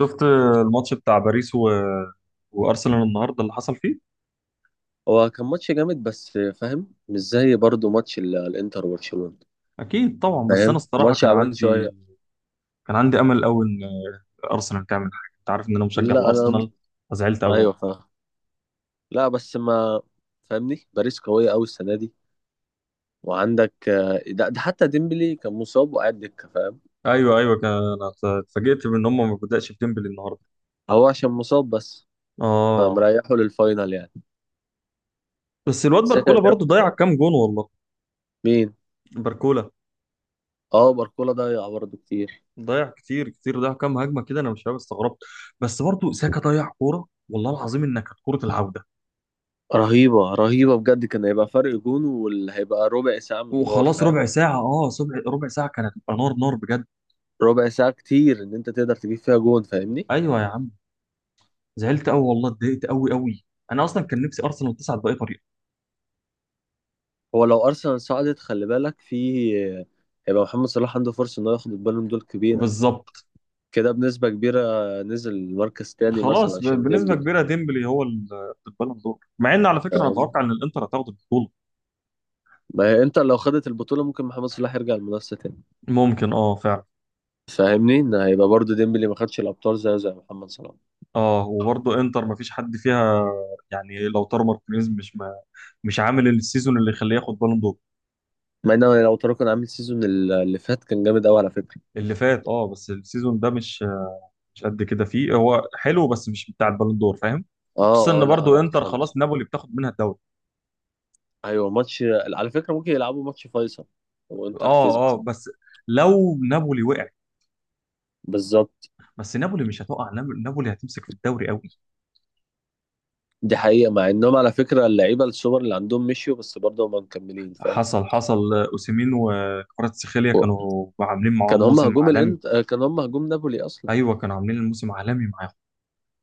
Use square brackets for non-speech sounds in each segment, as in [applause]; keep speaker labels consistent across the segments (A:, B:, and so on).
A: شفت الماتش بتاع باريس وارسنال النهارده اللي حصل فيه.
B: هو كان ماتش جامد، بس فاهم؟ مش زي برضه ماتش الانتر وبرشلونة.
A: اكيد طبعا، بس انا
B: فاهم
A: الصراحه
B: ماتش عبال شوية.
A: كان عندي امل قوي ان ارسنال تعمل حاجه. انت عارف ان انا مشجع
B: لا انا...
A: لارسنال، فزعلت قوي
B: ايوه،
A: والله.
B: فاهم. لا بس ما فاهمني. باريس قوية قوي السنة دي. وعندك ده، حتى ديمبلي كان مصاب وقاعد دكة، فاهم؟
A: ايوه ايوه، كان انا اتفاجئت بان هم ما بدأش بديمبلي النهارده.
B: هو عشان مصاب بس،
A: اه،
B: فمريحه للفاينل يعني.
A: بس الواد
B: ساكا
A: باركولا
B: جاب؟
A: برضو ضيع كام جون والله.
B: مين؟
A: باركولا
B: اه باركولا ضيع برضه كتير.
A: ضيع كتير كتير، ضيع كام هجمه كده، انا مش فاهم، استغربت. بس برضو ساكا ضيع كوره، والله العظيم انها كانت كوره العوده،
B: رهيبة رهيبة بجد، كان هيبقى فرق جون، واللي هيبقى ربع ساعة من النار،
A: وخلاص
B: فاهم؟
A: ربع ساعه. اه، ربع ساعه كانت هتبقى نار نار بجد.
B: ربع ساعة كتير إن أنت تقدر تجيب فيها جون، فاهمني؟
A: ايوه يا زعلت قوي والله، اتضايقت قوي قوي. انا اصلا كان نفسي ارسنال تصعد باي طريقه.
B: هو لو ارسنال صعدت خلي بالك في... هيبقى محمد صلاح عنده فرصه انه ياخد البالون دول كبيره
A: بالظبط.
B: كده، بنسبه كبيره. نزل مركز تاني مثلا
A: خلاص،
B: عشان
A: بنسبه
B: ديمبلي،
A: كبيره ديمبلي هو البالون دور، مع ان على فكره انا
B: فاهم؟
A: اتوقع ان الانتر هتاخد البطوله.
B: ما هي انت لو خدت البطوله ممكن محمد صلاح يرجع المنافسه تاني.
A: ممكن اه، فعلا.
B: فاهمني ان هيبقى برضو ديمبلي ما خدش الابطال زي محمد صلاح.
A: اه، وبرضه انتر ما فيش حد فيها، يعني لو تارو مارتينيز مش عامل السيزون اللي يخليه ياخد بالون دور.
B: مع ان لو ترى كان عامل سيزون اللي فات، كان جامد قوي على فكره.
A: اللي فات اه، بس السيزون ده مش قد كده. فيه هو حلو، بس مش بتاع البالون دور، فاهم. خصوصا
B: اه اه،
A: ان
B: لا
A: برضه
B: لا
A: انتر خلاص،
B: خالص.
A: نابولي بتاخد منها الدوري.
B: ايوه، ماتش على فكره ممكن يلعبوا ماتش فيصل وانتر
A: اه اه،
B: كسبته.
A: بس لو نابولي وقع.
B: بالظبط.
A: بس نابولي مش هتقع، نابولي هتمسك في الدوري قوي.
B: دي حقيقة، مع انهم على فكرة اللعيبة السوبر اللي عندهم مشيوا، بس برضه هم مكملين، فاهم؟
A: حصل حصل. اوسيمين وكفاراتسخيليا
B: و-
A: كانوا عاملين
B: كان
A: معاهم
B: هم
A: موسم
B: هجوم
A: عالمي.
B: الانت آه، كان هم هجوم نابولي اصلا.
A: ايوه، كانوا عاملين الموسم عالمي معاهم.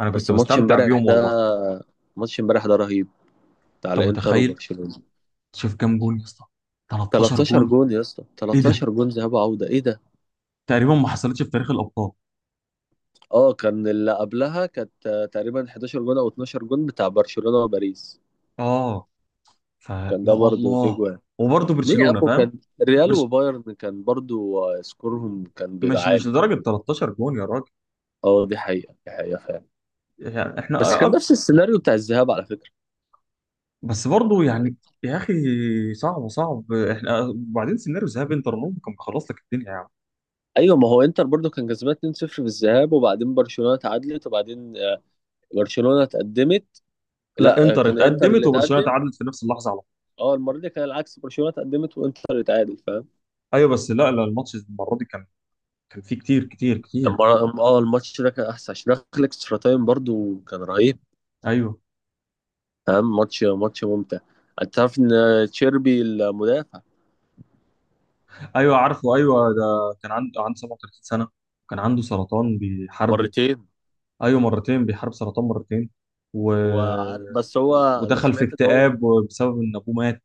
A: انا كنت
B: بس ماتش
A: بستمتع
B: امبارح
A: بيهم
B: ده،
A: والله.
B: ماتش امبارح ده رهيب، بتاع
A: انت
B: الانتر
A: متخيل؟
B: وبرشلونة.
A: شوف كام جون يا اسطى، 13
B: 13
A: جون.
B: جون يا اسطى،
A: ايه ده؟
B: 13 جون ذهاب وعودة، ايه ده؟
A: تقريبا ما حصلتش في تاريخ الابطال.
B: اه كان اللي قبلها كانت تقريبا 11 جون او 12 جون بتاع برشلونة وباريس.
A: اه، فيا
B: كان ده برضه في
A: الله.
B: جوان.
A: وبرضه
B: ليه يا
A: برشلونة
B: عم؟
A: فاهم.
B: كان ريال
A: برش...
B: وبايرن كان برضه سكورهم كان بيبقى
A: مش
B: عالي.
A: لدرجة 13 جون يا راجل،
B: اه دي حقيقة، دي حقيقة فعلا.
A: يعني احنا.
B: بس كان نفس السيناريو بتاع الذهاب على فكره.
A: بس برضه يعني، يا اخي، صعب صعب. احنا وبعدين سيناريو ذهاب انتر ممكن كان خلص لك الدنيا يا عم.
B: ايوه، ما هو انتر برضو كان كسبان 2-0 في الذهاب، وبعدين برشلونه تعادلت وبعدين برشلونه اتقدمت.
A: لا،
B: لا
A: انتر
B: كان انتر اللي
A: اتقدمت وبرشلونه
B: اتقدم.
A: تعادلت في نفس اللحظه على طول.
B: اه المره دي كان العكس، برشلونه اتقدمت وانتر اللي اتعادل، فاهم؟
A: ايوه، بس لا لا، الماتش المره دي كان، كان فيه كتير كتير كتير.
B: المره اه الماتش ده كان احسن عشان دخل اكسترا تايم، برضو كان رهيب.
A: ايوه
B: فاهم ماتش ممتع؟ انت تعرف ان تشيربي المدافع
A: ايوه عارفه، ايوه ده كان عنده 37 سنه، كان عنده سرطان بيحاربه.
B: مرتين؟
A: ايوه مرتين، بيحارب سرطان مرتين و...
B: بس هو... انا
A: ودخل في
B: سمعت ان هو...
A: اكتئاب بسبب ان ابوه مات.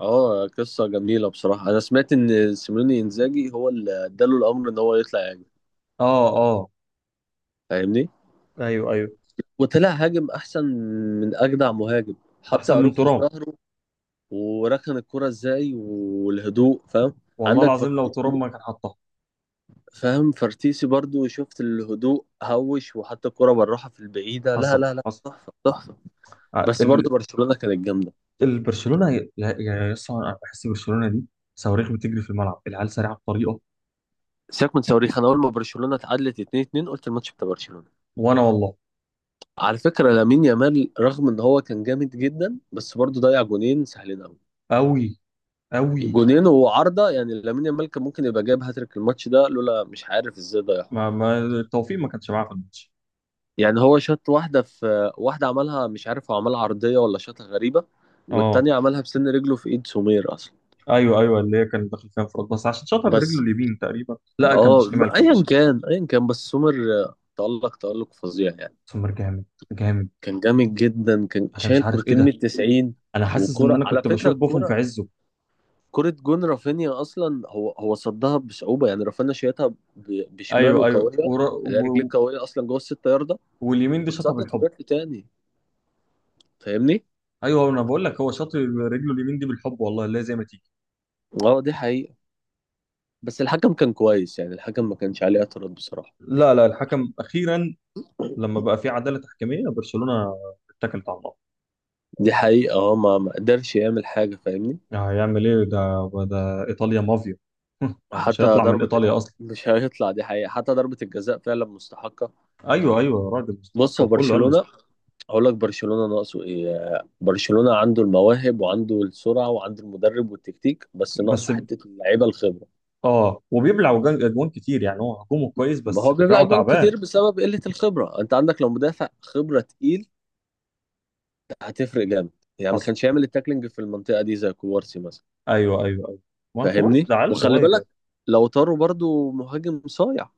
B: اه قصة جميلة بصراحة. أنا سمعت إن سيميوني إنزاجي هو اللي اداله الأمر إن هو يطلع يهاجم،
A: اه اه.
B: فاهمني؟
A: ايوه ايوه.
B: وطلع هاجم أحسن من أجدع مهاجم، حتى
A: احسن من
B: أروخو في
A: ترام.
B: ظهره. وركن الكرة إزاي، والهدوء، فاهم؟
A: والله
B: عندك
A: العظيم لو ترام
B: فرتيسي،
A: ما كان حطها.
B: فاهم فرتيسي برضو؟ شفت الهدوء هوش، وحتى الكرة بالراحة في البعيدة، لا
A: حصل
B: لا لا
A: حصل.
B: تحفة تحفة.
A: ع-
B: بس برضو
A: ال-
B: برشلونة كانت جامدة.
A: البرشلونه يا اسطى، انا بحس برشلونه دي صواريخ بتجري في الملعب، العيال سريعه بطريقه.
B: سيبك من صواريخ، أنا أول ما برشلونة اتعادلت 2-2 قلت الماتش بتاع برشلونة.
A: وانا والله.
B: على فكرة لامين يامال رغم ان هو كان جامد جدا بس برضه ضيع جونين سهلين قوي،
A: قوي قوي.
B: جونين وعارضة. يعني لامين يامال كان ممكن يبقى جايب هاتريك الماتش ده، لولا مش عارف ازاي ضيعها.
A: ما التوفيق ما كانش معاه في الماتش.
B: يعني هو شاط واحدة في واحدة، عملها مش عارف هو عملها عرضية ولا شاطها غريبة.
A: اه
B: والتانية عملها بسن رجله في ايد سومير اصلا.
A: ايوه ايوه، اللي هي كان داخل فيها انفراد، بس عشان شاطها برجله
B: بس
A: اليمين تقريبا. لا، كان
B: اه،
A: بالشمال، كان
B: ايا
A: بالشمال.
B: كان ايا كان، بس سومير تألق تألق فظيع يعني.
A: سمر جامد جامد.
B: كان جامد جدا، كان
A: انا مش
B: شايل
A: عارف ايه
B: كورتين من
A: ده،
B: التسعين.
A: انا حاسس ان
B: وكرة
A: انا
B: على
A: كنت
B: فكرة
A: بشوف بوفون في
B: الكرة،
A: عزه.
B: كرة جون رافينيا اصلا هو صدها بصعوبة. يعني رافينيا شايتها
A: ايوه
B: بشماله
A: ايوه
B: قوية،
A: ورا
B: اللي هي رجليه قوية اصلا جوه الستة ياردة.
A: واليمين دي شاطها
B: واتصدت
A: بالحب.
B: وجات لي تاني، فاهمني؟
A: ايوه، انا بقول لك هو شاط رجله اليمين دي بالحب والله، لا زي ما تيجي.
B: اه دي حقيقة. بس الحكم كان كويس، يعني الحكم ما كانش عليه اعتراض بصراحة.
A: لا لا، الحكم اخيرا، لما بقى في عداله تحكيميه برشلونه، اتكلت على الله.
B: دي حقيقة. اه ما قدرش يعمل حاجة، فاهمني؟
A: يعني هيعمل ايه؟ ده ده ايطاليا مافيا. [laughs] مش
B: وحتى
A: هيطلع من
B: ضربة...
A: ايطاليا اصلا.
B: [laughs] مش هيطلع، دي حقيقة، حتى ضربة الجزاء فعلا مستحقة.
A: ايوه ايوه يا راجل،
B: بص
A: مستحق،
B: هو
A: وكله قال
B: برشلونة،
A: مستحق.
B: هقول لك برشلونة ناقصه ايه. برشلونة عنده المواهب وعنده السرعة وعنده المدرب والتكتيك، بس
A: بس
B: ناقصه حتة اللعيبة الخبرة.
A: اه، وبيبلع اجوان كتير، يعني هو هجومه كويس
B: ما
A: بس
B: هو بيبلع
A: دفاعه
B: جون
A: تعبان.
B: كتير بسبب قلة الخبرة. انت عندك لو مدافع خبرة تقيل هتفرق جامد. يعني ما
A: حصل.
B: كانش يعمل التاكلينج في المنطقة دي زي كوارسي مثلا.
A: ايوه ايوه ايوه. ما كوبارسي ده
B: فاهمني؟
A: عيل
B: وخلي
A: صغير
B: بالك
A: يعني.
B: لو طاروا برضو مهاجم صايع،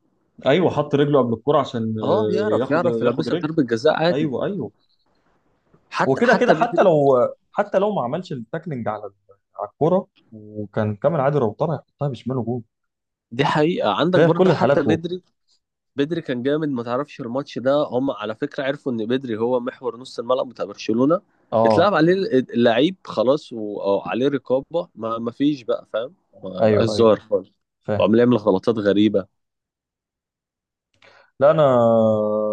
A: ايوه، حط رجله قبل الكرة عشان
B: اه يعرف
A: ياخد،
B: يعرف
A: ياخد
B: يلبسك
A: رجل.
B: ضربة جزاء عادي.
A: ايوه ايوه. هو
B: حتى
A: كده كده،
B: حتى
A: حتى
B: بدري.
A: لو ما عملش التاكلينج على على الكرة وكان كامل عادل، لو طلع يحطها بشماله جول.
B: دي حقيقة. عندك
A: هي في كل
B: برضه حتى
A: الحالات جول.
B: بدري، بدري كان جامد، ما تعرفش الماتش ده هم على فكرة عرفوا ان بدري هو محور نص الملعب بتاع برشلونة،
A: اه
B: اتلعب عليه اللعيب خلاص أو عليه رقابة، ما فيش بقى، فاهم؟ ما بقاش
A: ايوه ايوه،
B: ظاهر خالص.
A: فاهم.
B: وعمال يعمل غلطات غريبة.
A: لا، انا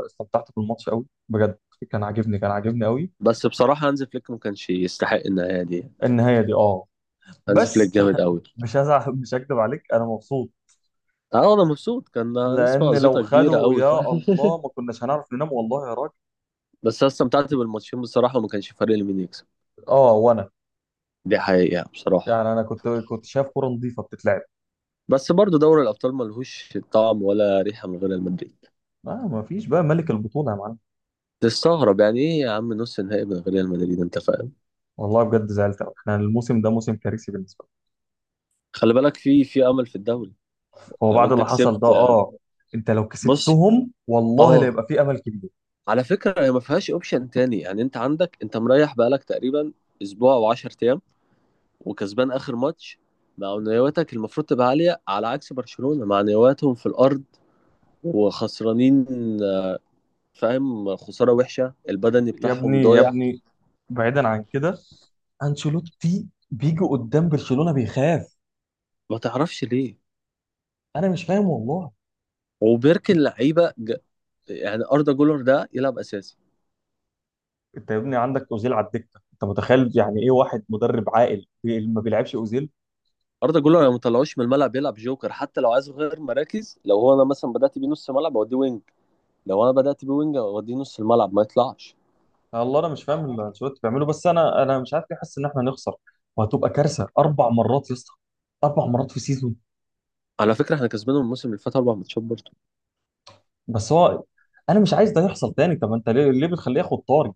A: استمتعت بالماتش قوي بجد، كان عاجبني كان عاجبني قوي.
B: بس بصراحة هانز فليك ما كانش يستحق النهاية دي.
A: النهايه دي اه،
B: هانز فليك
A: بس
B: جامد قوي.
A: مش هزعل. [laughs] مش هكدب عليك، انا مبسوط.
B: اه انا مبسوط، كان نسمع
A: لان لو
B: قزيطة كبيرة
A: خدوا،
B: قوي،
A: يا
B: فاهم؟
A: الله، ما كناش هنعرف ننام والله يا راجل.
B: [laughs] بس انا استمتعت بالماتشين بصراحة، وما كانش فارق لي مين يكسب.
A: اه وانا.
B: دي حقيقة بصراحة.
A: يعني انا كنت شايف كوره نظيفه بتتلعب.
B: بس برضه دوري الأبطال ملهوش طعم ولا ريحة من غير المدريد.
A: آه، ما فيش بقى ملك البطوله يا معلم.
B: تستغرب يعني ايه يا عم؟ نص نهائي من ريال مدريد، انت فاهم؟
A: والله بجد زعلت قوي، احنا الموسم ده موسم كارثي بالنسبه لي.
B: خلي بالك في امل في الدوري.
A: هو
B: لو
A: بعد
B: انت
A: اللي حصل ده
B: كسبت.
A: اه. انت لو
B: بص
A: كسبتهم والله، لا
B: اه،
A: يبقى في امل كبير.
B: على فكره هي ما فيهاش اوبشن تاني. يعني انت عندك، انت مريح بقالك تقريبا اسبوع او 10 ايام، وكسبان اخر ماتش. معنوياتك المفروض تبقى عاليه، على عكس برشلونه معنوياتهم في الارض وخسرانين، فاهم؟ خساره وحشه، البدني
A: يا ابني
B: بتاعهم
A: يا
B: ضايع.
A: ابني، بعيدا عن كده، انشيلوتي بيجي قدام برشلونة بيخاف.
B: ما تعرفش ليه؟
A: انا مش فاهم والله.
B: وبركن لعيبه يعني اردا جولر ده يلعب اساسي.
A: انت يا ابني عندك اوزيل على الدكه، انت متخيل؟ يعني ايه واحد مدرب عاقل ما بيلعبش اوزيل؟
B: اردا جولر لو ما طلعوش من الملعب يلعب جوكر، حتى لو عايز غير مراكز، لو هو انا مثلا بدات بيه نص ملعب اوديه وينج، لو انا بدات بيه وينج اوديه نص الملعب، ما يطلعش.
A: الله، انا مش فاهم اللي انشيلوتي بيعمله، بس انا مش عارف ليه حاسس ان احنا هنخسر، وهتبقى كارثه. اربع مرات يا اسطى، اربع مرات في سيزون.
B: على فكره احنا كسبانهم الموسم اللي فات اربع ماتشات برضه.
A: بس هو، انا مش عايز ده يحصل تاني. طب انت ليه ليه بتخليه ياخد طاري؟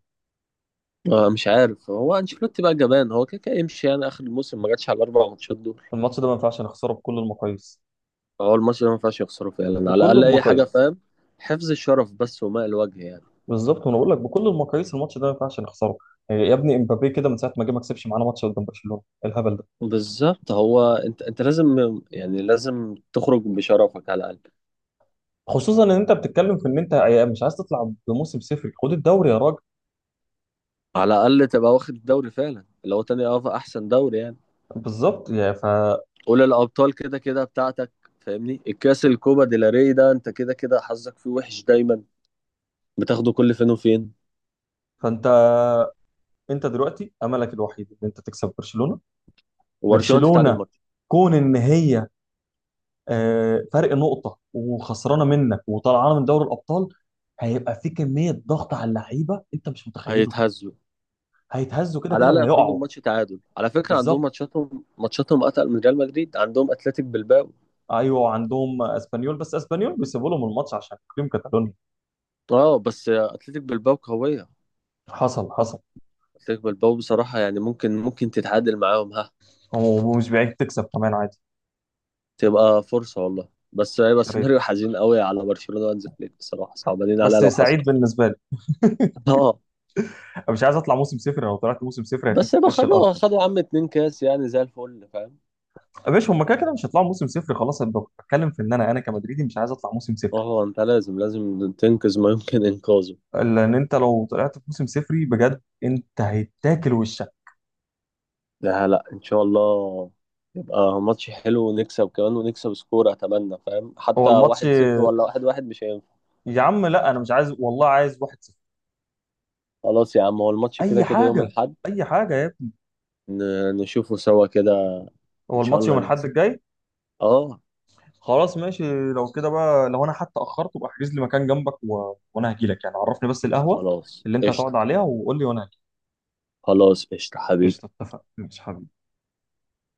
B: مش عارف هو انشيلوتي بقى جبان، هو كده كده يمشي يعني اخر الموسم، ما جاتش على الاربع ماتشات دول.
A: الماتش ده ما ينفعش نخسره بكل المقاييس،
B: هو الماتش ده ما ينفعش يخسره فعلا، على
A: بكل
B: الاقل اي حاجه،
A: المقاييس.
B: فاهم؟ حفظ الشرف بس وماء الوجه يعني.
A: بالظبط، وانا بقول لك بكل المقاييس، الماتش ده ما ينفعش نخسره. يعني يا ابني امبابي كده من ساعه ما جه، ما كسبش معانا ماتش قدام برشلونه. إيه الهبل ده؟
B: بالظبط، هو انت لازم يعني لازم تخرج بشرفك على الاقل.
A: خصوصا ان انت بتتكلم في ان انت مش عايز تطلع بموسم صفر، خد الدوري يا راجل.
B: على الاقل تبقى واخد الدوري فعلا، اللي هو تاني احسن دوري يعني.
A: بالظبط،
B: قول الابطال كده كده بتاعتك. فاهمني؟ الكاس الكوبا ديلاري ده انت كده كده حظك فيه وحش دايما، بتاخده كل فين وفين.
A: فانت، انت دلوقتي املك الوحيد ان انت تكسب برشلونه.
B: وبرشلونه تتعادل
A: برشلونه،
B: ماتش.
A: كون ان هي فرق نقطه وخسرانه منك وطلعانه من دوري الابطال، هيبقى في كميه ضغط على اللعيبه انت مش متخيله.
B: هيتهزوا.
A: هيتهزوا، كده
B: على
A: كده
B: الاقل يخرجوا
A: وهيقعوا.
B: بماتش تعادل. على فكره عندهم
A: بالظبط.
B: ماتشاتهم اتقل من ريال مدريد، عندهم اتلتيك بلباو.
A: ايوه عندهم اسبانيول، بس اسبانيول بيسيبوا لهم الماتش عشان تقييم كاتالونيا.
B: اه بس اتلتيك بلباو قويه.
A: حصل حصل.
B: اتلتيك بلباو بصراحه يعني ممكن ممكن تتعادل معاهم، ها.
A: ومش بعيد تكسب كمان عادي.
B: تبقى فرصه والله، بس هيبقى
A: يا ريت،
B: سيناريو حزين قوي على برشلونه وانز فليك، بصراحه صعبانين عليها
A: بس
B: لو حصل.
A: سعيد بالنسبه لي.
B: اه
A: أنا مش عايز اطلع موسم صفر، لو طلعت موسم صفر
B: بس
A: هيتمسح في
B: يبقى
A: وش الارض.
B: خدوا خدوا يا عم اتنين كاس، يعني زي الفل، فاهم؟
A: يا باشا، هم كده كده مش هيطلعوا موسم صفر خلاص. أنا بتكلم في ان انا كمدريدي مش عايز اطلع موسم صفر،
B: هو انت لازم لازم تنقذ ما يمكن انقاذه.
A: لان انت لو طلعت في موسم صفري بجد، انت هيتاكل وشك.
B: لا لا ان شاء الله. يبقى ماتش حلو ونكسب كمان، ونكسب سكور اتمنى، فاهم؟
A: هو
B: حتى
A: الماتش،
B: واحد صفر ولا واحد واحد مش هينفع.
A: يا عم لا، انا مش عايز والله، عايز 1-0.
B: خلاص يا عم، هو الماتش
A: اي
B: كده كده يوم
A: حاجه،
B: الاحد.
A: اي حاجه يا ابني.
B: نشوفه سوا كده. ان
A: هو
B: شاء
A: الماتش
B: الله
A: يوم الاحد
B: نكسب.
A: الجاي.
B: اه
A: خلاص ماشي. لو كده بقى، لو انا حتى اخرت، ابقى احجز لي مكان جنبك وانا هجي لك. يعني عرفني بس القهوة
B: خلاص
A: اللي انت هتقعد
B: قشطة.
A: عليها وقول لي وانا هجي.
B: خلاص قشطة حبيبي.
A: قشطة، اتفق، مش حبيبي.